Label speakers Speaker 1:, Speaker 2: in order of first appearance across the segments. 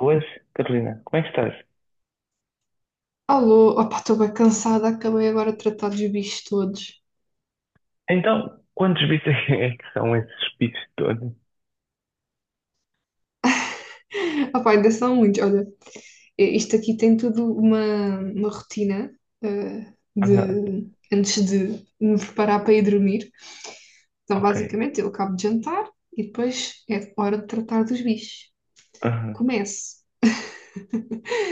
Speaker 1: Boas, Carolina, como é que estás?
Speaker 2: Alô, opá, estou bem cansada, acabei agora de tratar dos bichos todos.
Speaker 1: Então, quantos bits é que são esses bits todos?
Speaker 2: Opá, ainda são muitos, olha, isto aqui tem tudo uma rotina
Speaker 1: Ah,
Speaker 2: antes de me preparar para ir dormir. Então,
Speaker 1: ok.
Speaker 2: basicamente, eu acabo de jantar e depois é hora de tratar dos bichos.
Speaker 1: Aham,
Speaker 2: Começo,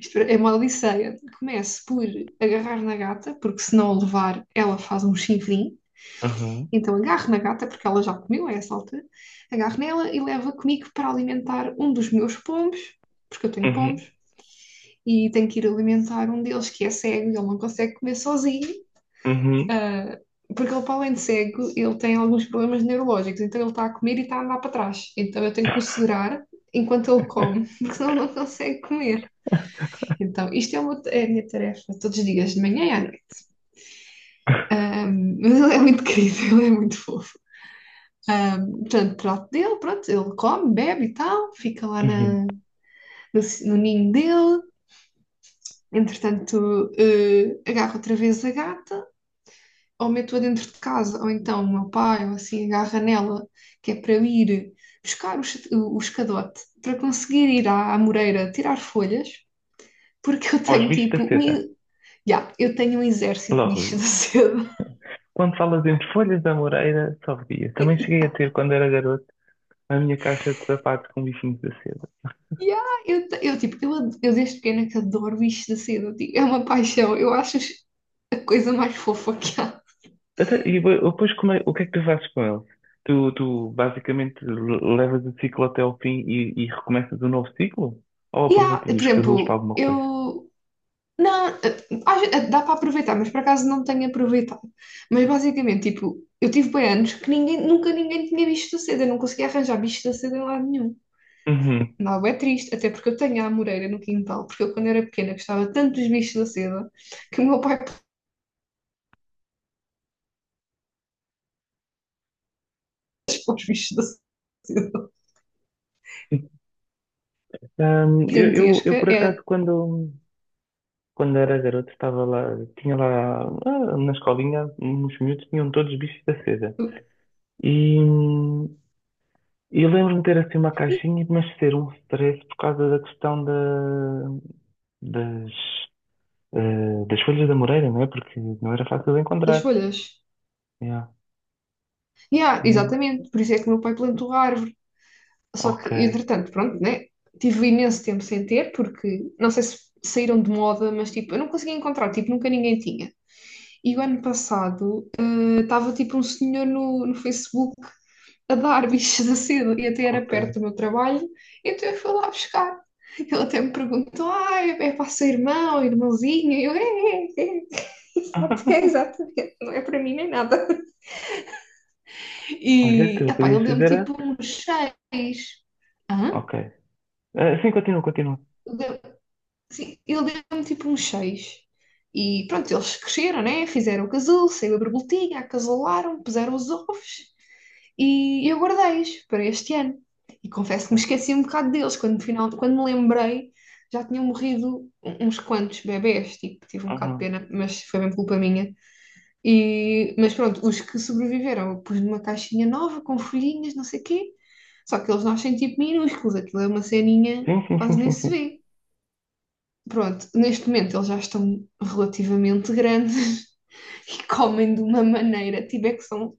Speaker 2: isto é uma odisseia, começo por agarrar na gata, porque se não a levar, ela faz um chifrinho.
Speaker 1: aham,
Speaker 2: Então agarro na gata, porque ela já comeu a essa altura, agarro nela e levo-a comigo para alimentar um dos meus pombos, porque eu tenho pombos,
Speaker 1: uhum,
Speaker 2: e tenho que ir alimentar um deles que é cego e ele não consegue comer sozinho,
Speaker 1: uhum,
Speaker 2: ah, porque ele, para além de cego, ele tem alguns problemas neurológicos, então ele está a comer e está a andar para trás. Então eu tenho que o segurar enquanto ele come, porque senão ele não consegue comer. Então isto é a minha tarefa todos os dias, de manhã e à noite. Ah, mas ele é muito querido, ele é muito fofo. Portanto, trato dele, pronto, ele come, bebe e tal, fica lá
Speaker 1: uhum.
Speaker 2: na, no, no ninho dele. Entretanto, agarro outra vez a gata, ou meto-a dentro de casa, ou então o meu pai, ou assim, agarra nela, que é para eu ir buscar o escadote, para conseguir ir à Moreira tirar folhas, porque
Speaker 1: Aos bichos da seda,
Speaker 2: eu tenho um exército de
Speaker 1: logo
Speaker 2: bichos
Speaker 1: vi.
Speaker 2: da seda.
Speaker 1: Quando falas entre folhas da moreira, só via. Também cheguei a ter, quando era garoto, a minha caixa de sapatos com bichinhos da seda.
Speaker 2: Ya, eu, eu, tipo, eu, eu desde pequena que adoro bichos da seda, tipo, é uma paixão. Eu acho, a coisa mais fofa que há.
Speaker 1: Depois, o que é que tu fazes com eles? Tu basicamente levas o ciclo até ao fim e recomeças um novo ciclo? Ou
Speaker 2: E há,
Speaker 1: aproveitas
Speaker 2: por
Speaker 1: os
Speaker 2: exemplo,
Speaker 1: casulos para alguma
Speaker 2: eu.
Speaker 1: coisa?
Speaker 2: Não, dá para aproveitar, mas por acaso não tenho aproveitado. Mas basicamente, tipo, eu tive bem anos que nunca ninguém tinha bicho da seda, eu não conseguia arranjar bicho da seda em lado nenhum.
Speaker 1: Uhum.
Speaker 2: Não, é triste, até porque eu tenho a amoreira no quintal, porque eu quando era pequena gostava tanto dos bichos da seda que o meu pai pôs os bichos da seda.
Speaker 1: Eu, eu,
Speaker 2: Gigantesca
Speaker 1: eu, por
Speaker 2: é
Speaker 1: acaso, quando era garoto, estava lá, tinha lá, na escolinha, uns miúdos tinham todos bichos da seda. E, eu lembro-me de ter assim uma
Speaker 2: e
Speaker 1: caixinha, mas ser um stress por causa da questão da, das, eh, das folhas da Moreira, não é? Porque não era fácil de
Speaker 2: das
Speaker 1: encontrar.
Speaker 2: folhas.
Speaker 1: Yeah.
Speaker 2: Yeah,
Speaker 1: Hum.
Speaker 2: exatamente, por isso é que o meu pai plantou a árvore. Só
Speaker 1: Ok,
Speaker 2: que, entretanto, pronto, né? Tive imenso tempo sem ter, porque não sei se saíram de moda, mas tipo, eu não conseguia encontrar, tipo, nunca ninguém tinha. E o ano passado estava tipo um senhor no Facebook a dar bichos da seda e até era
Speaker 1: ok.
Speaker 2: perto do meu trabalho, então eu fui lá buscar. Ele até me perguntou: ah, é para o seu irmão, irmãozinho? E eu, é, é, é, é, exatamente, não é para mim nem nada.
Speaker 1: Olha,
Speaker 2: E,
Speaker 1: tu
Speaker 2: epá,
Speaker 1: podias
Speaker 2: ele deu-me tipo uns seis. Hã?
Speaker 1: Ok. Ah, sim, continua, continua.
Speaker 2: Sim, ele deu-me tipo uns seis. E pronto, eles cresceram, né? Fizeram o casulo, saiu a borboletinha, acasolaram puseram os ovos e eu guardei-os para este ano. E confesso que me esqueci um bocado deles. Quando, no final, quando me lembrei, já tinham morrido uns quantos bebés, tipo, tive um bocado de
Speaker 1: Uhum.
Speaker 2: pena, mas foi bem culpa minha. E, mas pronto, os que sobreviveram, eu pus numa caixinha nova, com folhinhas, não sei o quê. Só que eles nascem tipo minúsculos, aquilo é uma ceninha,
Speaker 1: Sim, sim, sim,
Speaker 2: quase nem
Speaker 1: sim,
Speaker 2: se
Speaker 1: sim.
Speaker 2: vê pronto, neste momento eles já estão relativamente grandes e comem de uma maneira, tipo, é que são,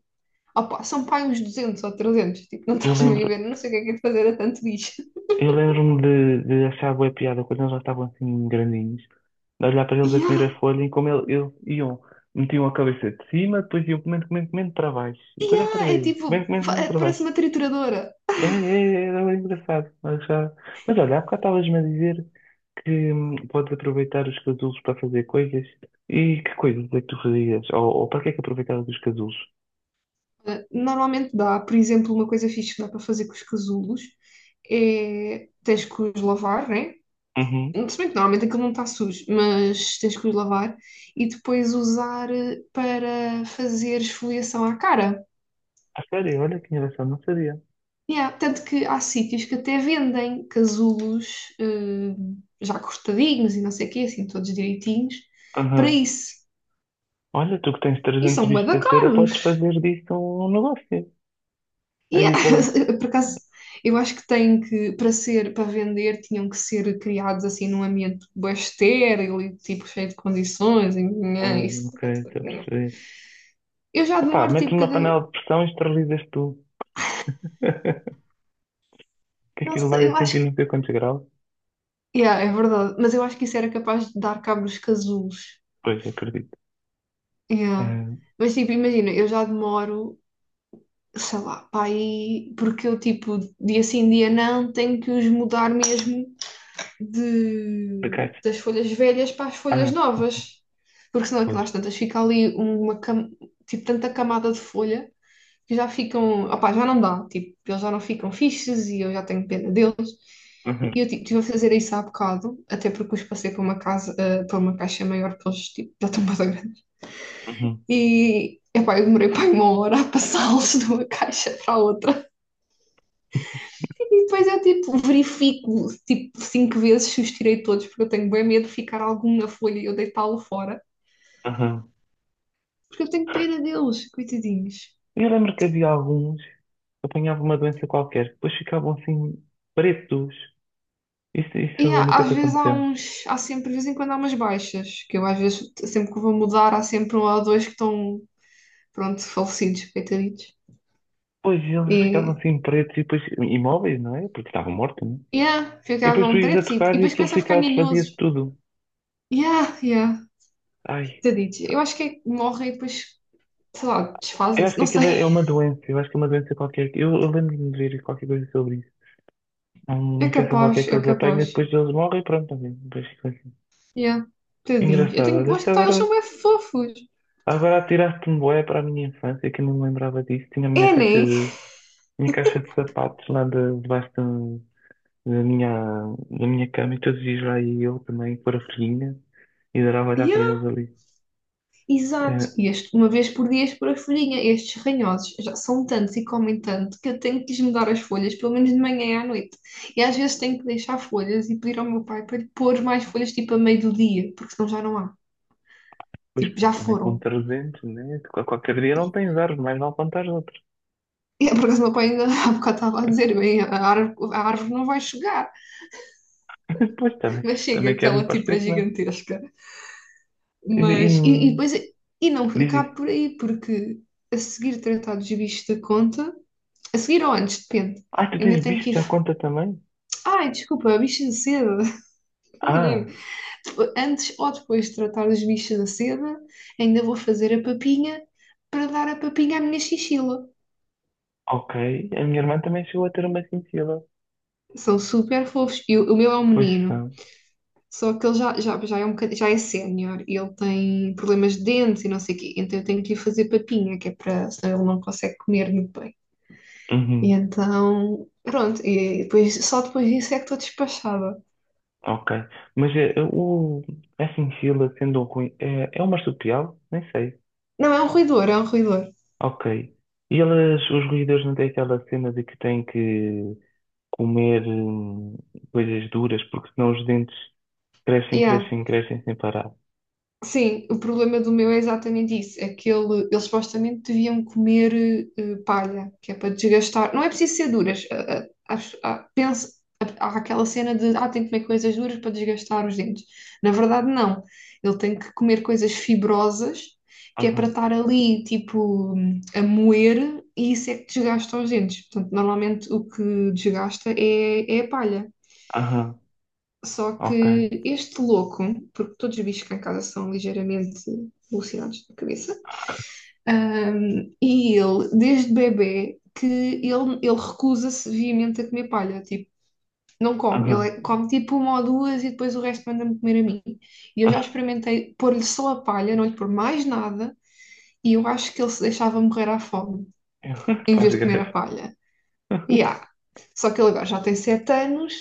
Speaker 2: opa, são pai uns 200 ou 300 tipo, não
Speaker 1: Eu
Speaker 2: estás meio
Speaker 1: lembro,
Speaker 2: a ver, não sei o que é de fazer a tanto bicho.
Speaker 1: Eu lembro-me de achar boa piada quando eles já estavam assim grandinhos, de olhar para eles a
Speaker 2: E há,
Speaker 1: comer a folha e eles iam, metiam a cabeça de cima, depois iam comendo, comendo, comendo para baixo, e
Speaker 2: e
Speaker 1: depois outra
Speaker 2: há, é
Speaker 1: vez,
Speaker 2: tipo,
Speaker 1: comendo, comendo, comendo para
Speaker 2: parece
Speaker 1: baixo.
Speaker 2: uma trituradora.
Speaker 1: É, é, é, era bem engraçado. Mas, já... mas olha, há bocado estavas-me a dizer que podes aproveitar os casulos para fazer coisas, e que coisas é que tu fazias? Ou para que é que aproveitavas os casulos?
Speaker 2: Normalmente dá, por exemplo, uma coisa fixe que dá para fazer com os casulos é, tens que os lavar, né?
Speaker 1: Uhum.
Speaker 2: Se bem que normalmente aquilo não está sujo, mas tens que os lavar e depois usar para fazer esfoliação à cara.
Speaker 1: A sério, olha que engraçado, não sabia.
Speaker 2: Yeah, tanto que há sítios que até vendem casulos já cortadinhos e não sei o quê, assim, todos direitinhos, para isso.
Speaker 1: Olha, tu que tens
Speaker 2: E
Speaker 1: 300
Speaker 2: são bué
Speaker 1: bichos
Speaker 2: da
Speaker 1: da cera,
Speaker 2: caros.
Speaker 1: podes fazer disso um negócio.
Speaker 2: Yeah.
Speaker 1: Aí, pô.
Speaker 2: Por acaso, eu acho que tem que, para ser, para vender, tinham que ser criados assim num ambiente bué estéril e tipo cheio de condições. E, nhã, isso.
Speaker 1: Ok, estou a perceber.
Speaker 2: Eu já
Speaker 1: Opa,
Speaker 2: demoro
Speaker 1: metes
Speaker 2: tipo
Speaker 1: numa
Speaker 2: cada.
Speaker 1: panela de pressão e esterilizas tu. Que
Speaker 2: Não
Speaker 1: aquilo vai
Speaker 2: sei,
Speaker 1: a
Speaker 2: eu acho
Speaker 1: sentir
Speaker 2: que.
Speaker 1: não sei quantos graus.
Speaker 2: Yeah, é verdade, mas eu acho que isso era capaz de dar cabo dos casulos.
Speaker 1: Pois, acredito.
Speaker 2: Yeah.
Speaker 1: Hum,
Speaker 2: Mas tipo, imagina, eu já demoro, sei lá, para aí, porque eu tipo, dia sim, dia não, tenho que os mudar mesmo
Speaker 1: por
Speaker 2: de,
Speaker 1: acaso.
Speaker 2: das folhas velhas para as
Speaker 1: Ah,
Speaker 2: folhas novas. Porque senão aquilo
Speaker 1: pois.
Speaker 2: às tantas fica ali tipo, tanta camada de folha que já ficam, opá, já não dá, tipo, eles já não ficam fixes e eu já tenho pena deles.
Speaker 1: Uhum,
Speaker 2: E eu tipo, estive a fazer isso há bocado, até porque os passei para uma casa, eh, para uma caixa maior, porque eles tipo, já estão mais grandes.
Speaker 1: uhum,
Speaker 2: E, epá, eu demorei para uma hora a passá-los de uma caixa para a outra. E depois eu, tipo, verifico, tipo, cinco vezes se os tirei todos, porque eu tenho bem medo de ficar algum na folha e eu deitá-lo fora.
Speaker 1: uhum.
Speaker 2: Porque eu tenho pena deles, coitadinhos.
Speaker 1: Eu lembro que havia alguns que apanhavam uma doença qualquer, depois ficavam assim pretos. Isso
Speaker 2: E há-
Speaker 1: nunca
Speaker 2: às
Speaker 1: te
Speaker 2: vezes há
Speaker 1: aconteceu?
Speaker 2: uns, há sempre, de vez em quando há umas baixas, que eu às vezes, sempre que vou mudar, há sempre um ou dois que estão, pronto, falecidos, coitaditos.
Speaker 1: Pois, eles ficavam
Speaker 2: E,
Speaker 1: assim pretos e depois imóveis, não é? Porque estavam mortos.
Speaker 2: yeah,
Speaker 1: E depois tu
Speaker 2: ficavam
Speaker 1: ias a
Speaker 2: pretos e
Speaker 1: tocar e
Speaker 2: depois
Speaker 1: aquilo
Speaker 2: começam a ficar
Speaker 1: ficava, desfazia-se
Speaker 2: ninhosos.
Speaker 1: tudo.
Speaker 2: Yeah, yeah,
Speaker 1: Ai,
Speaker 2: coitaditos. Eu acho que é que morrem e depois sei lá,
Speaker 1: eu acho
Speaker 2: desfazem-se,
Speaker 1: que
Speaker 2: não
Speaker 1: aquilo
Speaker 2: sei.
Speaker 1: é uma doença, eu acho que é uma doença qualquer. Eu lembro-me de ver qualquer coisa sobre isso. É uma
Speaker 2: É
Speaker 1: infecção qualquer
Speaker 2: capaz,
Speaker 1: que
Speaker 2: é
Speaker 1: eles apanham,
Speaker 2: capaz.
Speaker 1: depois eles morrem e pronto, também. Depois ficam assim.
Speaker 2: Yeah, tadinhos. Eu
Speaker 1: Engraçado,
Speaker 2: tenho,
Speaker 1: olha,
Speaker 2: lá está, eles são bem fofos.
Speaker 1: agora atiraste-me bué para a minha infância, que eu não me lembrava disso. Tinha a minha
Speaker 2: É, né?
Speaker 1: minha caixa de sapatos lá debaixo da minha, da minha cama e todos os dias lá ia eu também, pôr a folhinha e adorava olhar para
Speaker 2: Yeah,
Speaker 1: eles ali.
Speaker 2: exato.
Speaker 1: Eh,
Speaker 2: E este, uma vez por dia por a folhinha. Estes ranhosos já são tantos e comem tanto que eu tenho que lhes mudar as folhas, pelo menos de manhã e à noite. E às vezes tenho que deixar folhas e pedir ao meu pai para lhe pôr mais folhas, tipo a meio do dia, porque senão já não há.
Speaker 1: pois,
Speaker 2: Tipo,
Speaker 1: pá,
Speaker 2: já
Speaker 1: também com
Speaker 2: foram.
Speaker 1: 300, né? Qualquer dia não tens árvore, mais mal plantar outras.
Speaker 2: E é por acaso, o meu pai ainda há bocado estava a dizer: bem, a árvore não vai chegar,
Speaker 1: Pois, também,
Speaker 2: mas chega,
Speaker 1: também quero-me
Speaker 2: aquela tipo é
Speaker 1: parecer que não.
Speaker 2: gigantesca.
Speaker 1: E,
Speaker 2: Mas, e
Speaker 1: e-
Speaker 2: depois, e não
Speaker 1: diz
Speaker 2: acabo
Speaker 1: isso.
Speaker 2: por aí, porque a seguir tratar dos bichos da conta, a seguir ou antes, depende,
Speaker 1: Ah, tu
Speaker 2: ainda
Speaker 1: tens
Speaker 2: tenho
Speaker 1: bicho
Speaker 2: que ir.
Speaker 1: da conta também?
Speaker 2: Ai, desculpa, bicho da seda.
Speaker 1: Ah,
Speaker 2: Enganei-me. Antes ou depois de tratar os bichos da seda, ainda vou fazer a papinha para dar a papinha à minha chinchila.
Speaker 1: ok. A minha irmã também chegou a ter uma cintila.
Speaker 2: São super fofos. E o meu é um
Speaker 1: Pois
Speaker 2: menino,
Speaker 1: são.
Speaker 2: só que ele já é sénior e ele tem problemas de dentes e não sei o quê. Então eu tenho que lhe fazer papinha, que é para, senão ele não consegue comer muito bem. E
Speaker 1: Uhum,
Speaker 2: então, pronto, e depois, só depois disso é que estou despachada.
Speaker 1: ok. Mas a cintila, sendo um ruim, é uma marsupial? Nem sei.
Speaker 2: Não, é um ruidor, é um ruidor.
Speaker 1: Ok. E elas, os ruídos não têm aquela cena de que têm que comer coisas duras, porque senão os dentes crescem,
Speaker 2: Yeah.
Speaker 1: crescem, crescem sem parar.
Speaker 2: Sim, o problema do meu é exatamente isso. É que ele, eles supostamente deviam comer palha, que é para desgastar. Não é preciso ser duras. Penso, há aquela cena de tem que comer coisas duras para desgastar os dentes. Na verdade, não. Ele tem que comer coisas fibrosas, que é para
Speaker 1: Aham,
Speaker 2: estar ali, tipo, a moer, e isso é que desgasta os dentes. Portanto, normalmente o que desgasta é, é a palha.
Speaker 1: aham,
Speaker 2: Só
Speaker 1: ok,
Speaker 2: que este louco, porque todos os bichos cá em casa são ligeiramente alucinados da cabeça, e ele, desde bebê, que ele recusa-se veemente a comer palha, tipo, não come, ele
Speaker 1: aham,
Speaker 2: é- come tipo uma ou duas e depois o resto manda-me comer a mim. E eu já experimentei pôr-lhe só a palha, não lhe pôr mais nada, e eu acho que ele se deixava morrer à fome, em
Speaker 1: faz
Speaker 2: vez de comer a
Speaker 1: greve.
Speaker 2: palha. E há. Só que ele agora já tem 7 anos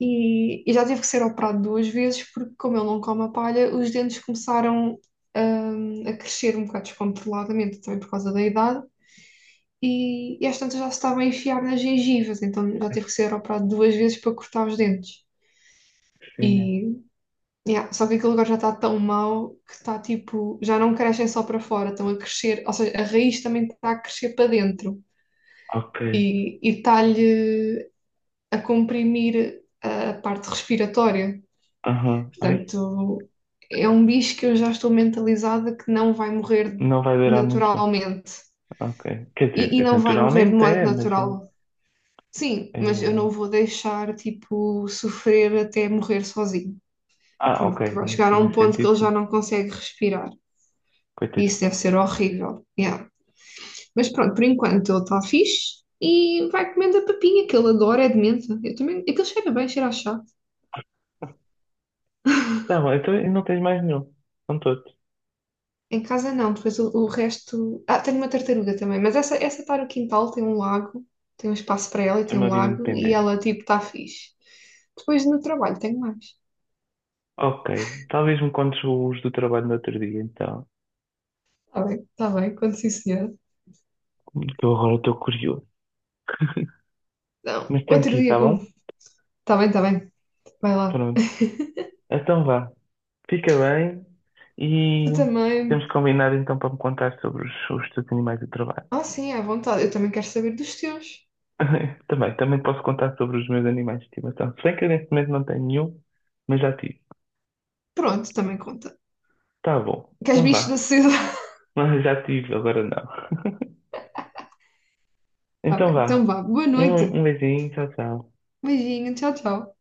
Speaker 2: e já tive que ser operado duas vezes, porque como ele não come a palha, os dentes começaram, a crescer um bocado descontroladamente, também por causa da idade, e às tantas já se estava a enfiar nas gengivas, então já tive que ser operado duas vezes para cortar os dentes.
Speaker 1: Sim, né?
Speaker 2: E, yeah, só que aquele lugar já está tão mau que está tipo, já não crescem só para fora, estão a crescer, ou seja, a raiz também está a crescer para dentro
Speaker 1: Ok,
Speaker 2: e está-lhe a comprimir a parte respiratória.
Speaker 1: aham, ai,
Speaker 2: Portanto, é um bicho que eu já estou mentalizada que não vai morrer
Speaker 1: não vai durar muito bem.
Speaker 2: naturalmente
Speaker 1: Ok, quer
Speaker 2: e
Speaker 1: dizer,
Speaker 2: não vai morrer de
Speaker 1: naturalmente
Speaker 2: modo
Speaker 1: é, mas é.
Speaker 2: natural. Sim, mas eu não
Speaker 1: é-
Speaker 2: vou deixar, tipo, sofrer até morrer sozinho,
Speaker 1: Ah, ok,
Speaker 2: porque vai chegar
Speaker 1: nesse,
Speaker 2: a um
Speaker 1: nesse
Speaker 2: ponto que
Speaker 1: sentido,
Speaker 2: ele já
Speaker 1: sim.
Speaker 2: não consegue respirar. E isso
Speaker 1: Coitadito.
Speaker 2: deve ser horrível. Yeah. Mas pronto, por enquanto ele está fixe e vai comendo a papinha que ele adora, é de menta. Eu também, aquilo cheira bem, cheira a chá.
Speaker 1: Tá bom, então e não tens mais nenhum. São todos.
Speaker 2: Em casa não, depois o resto. Ah, tenho uma tartaruga também, mas essa está no quintal, tem um lago, tem um espaço para ela e
Speaker 1: Tem
Speaker 2: tem um
Speaker 1: uma vida
Speaker 2: lago, e
Speaker 1: independente.
Speaker 2: ela tipo está fixe. Depois no trabalho tenho mais.
Speaker 1: Ok, talvez me contes os do trabalho no outro dia, então.
Speaker 2: Está bem, quando sim, senhora.
Speaker 1: Que eu agora estou curioso.
Speaker 2: Não,
Speaker 1: Mas tem
Speaker 2: outro
Speaker 1: que ir,
Speaker 2: dia
Speaker 1: tá
Speaker 2: como.
Speaker 1: bom?
Speaker 2: Está bem, vai lá.
Speaker 1: Pronto. Então vá. Fica bem e
Speaker 2: Tu
Speaker 1: temos
Speaker 2: também.
Speaker 1: combinado então para me contar sobre os teus animais de trabalho.
Speaker 2: Ah, sim, é à vontade, eu também quero saber dos teus.
Speaker 1: Também, também posso contar sobre os meus animais de estimação. Se bem que eu neste momento não tenho nenhum, mas já tive.
Speaker 2: Pronto, também conta.
Speaker 1: Tá bom.
Speaker 2: Queres
Speaker 1: Então
Speaker 2: bichos da
Speaker 1: vá.
Speaker 2: sociedade?
Speaker 1: Mas já tive, agora não.
Speaker 2: Está
Speaker 1: Então
Speaker 2: bem, então
Speaker 1: vá.
Speaker 2: vá, boa noite.
Speaker 1: Um beijinho, tchau, tchau.
Speaker 2: Beijinho, tchau, tchau.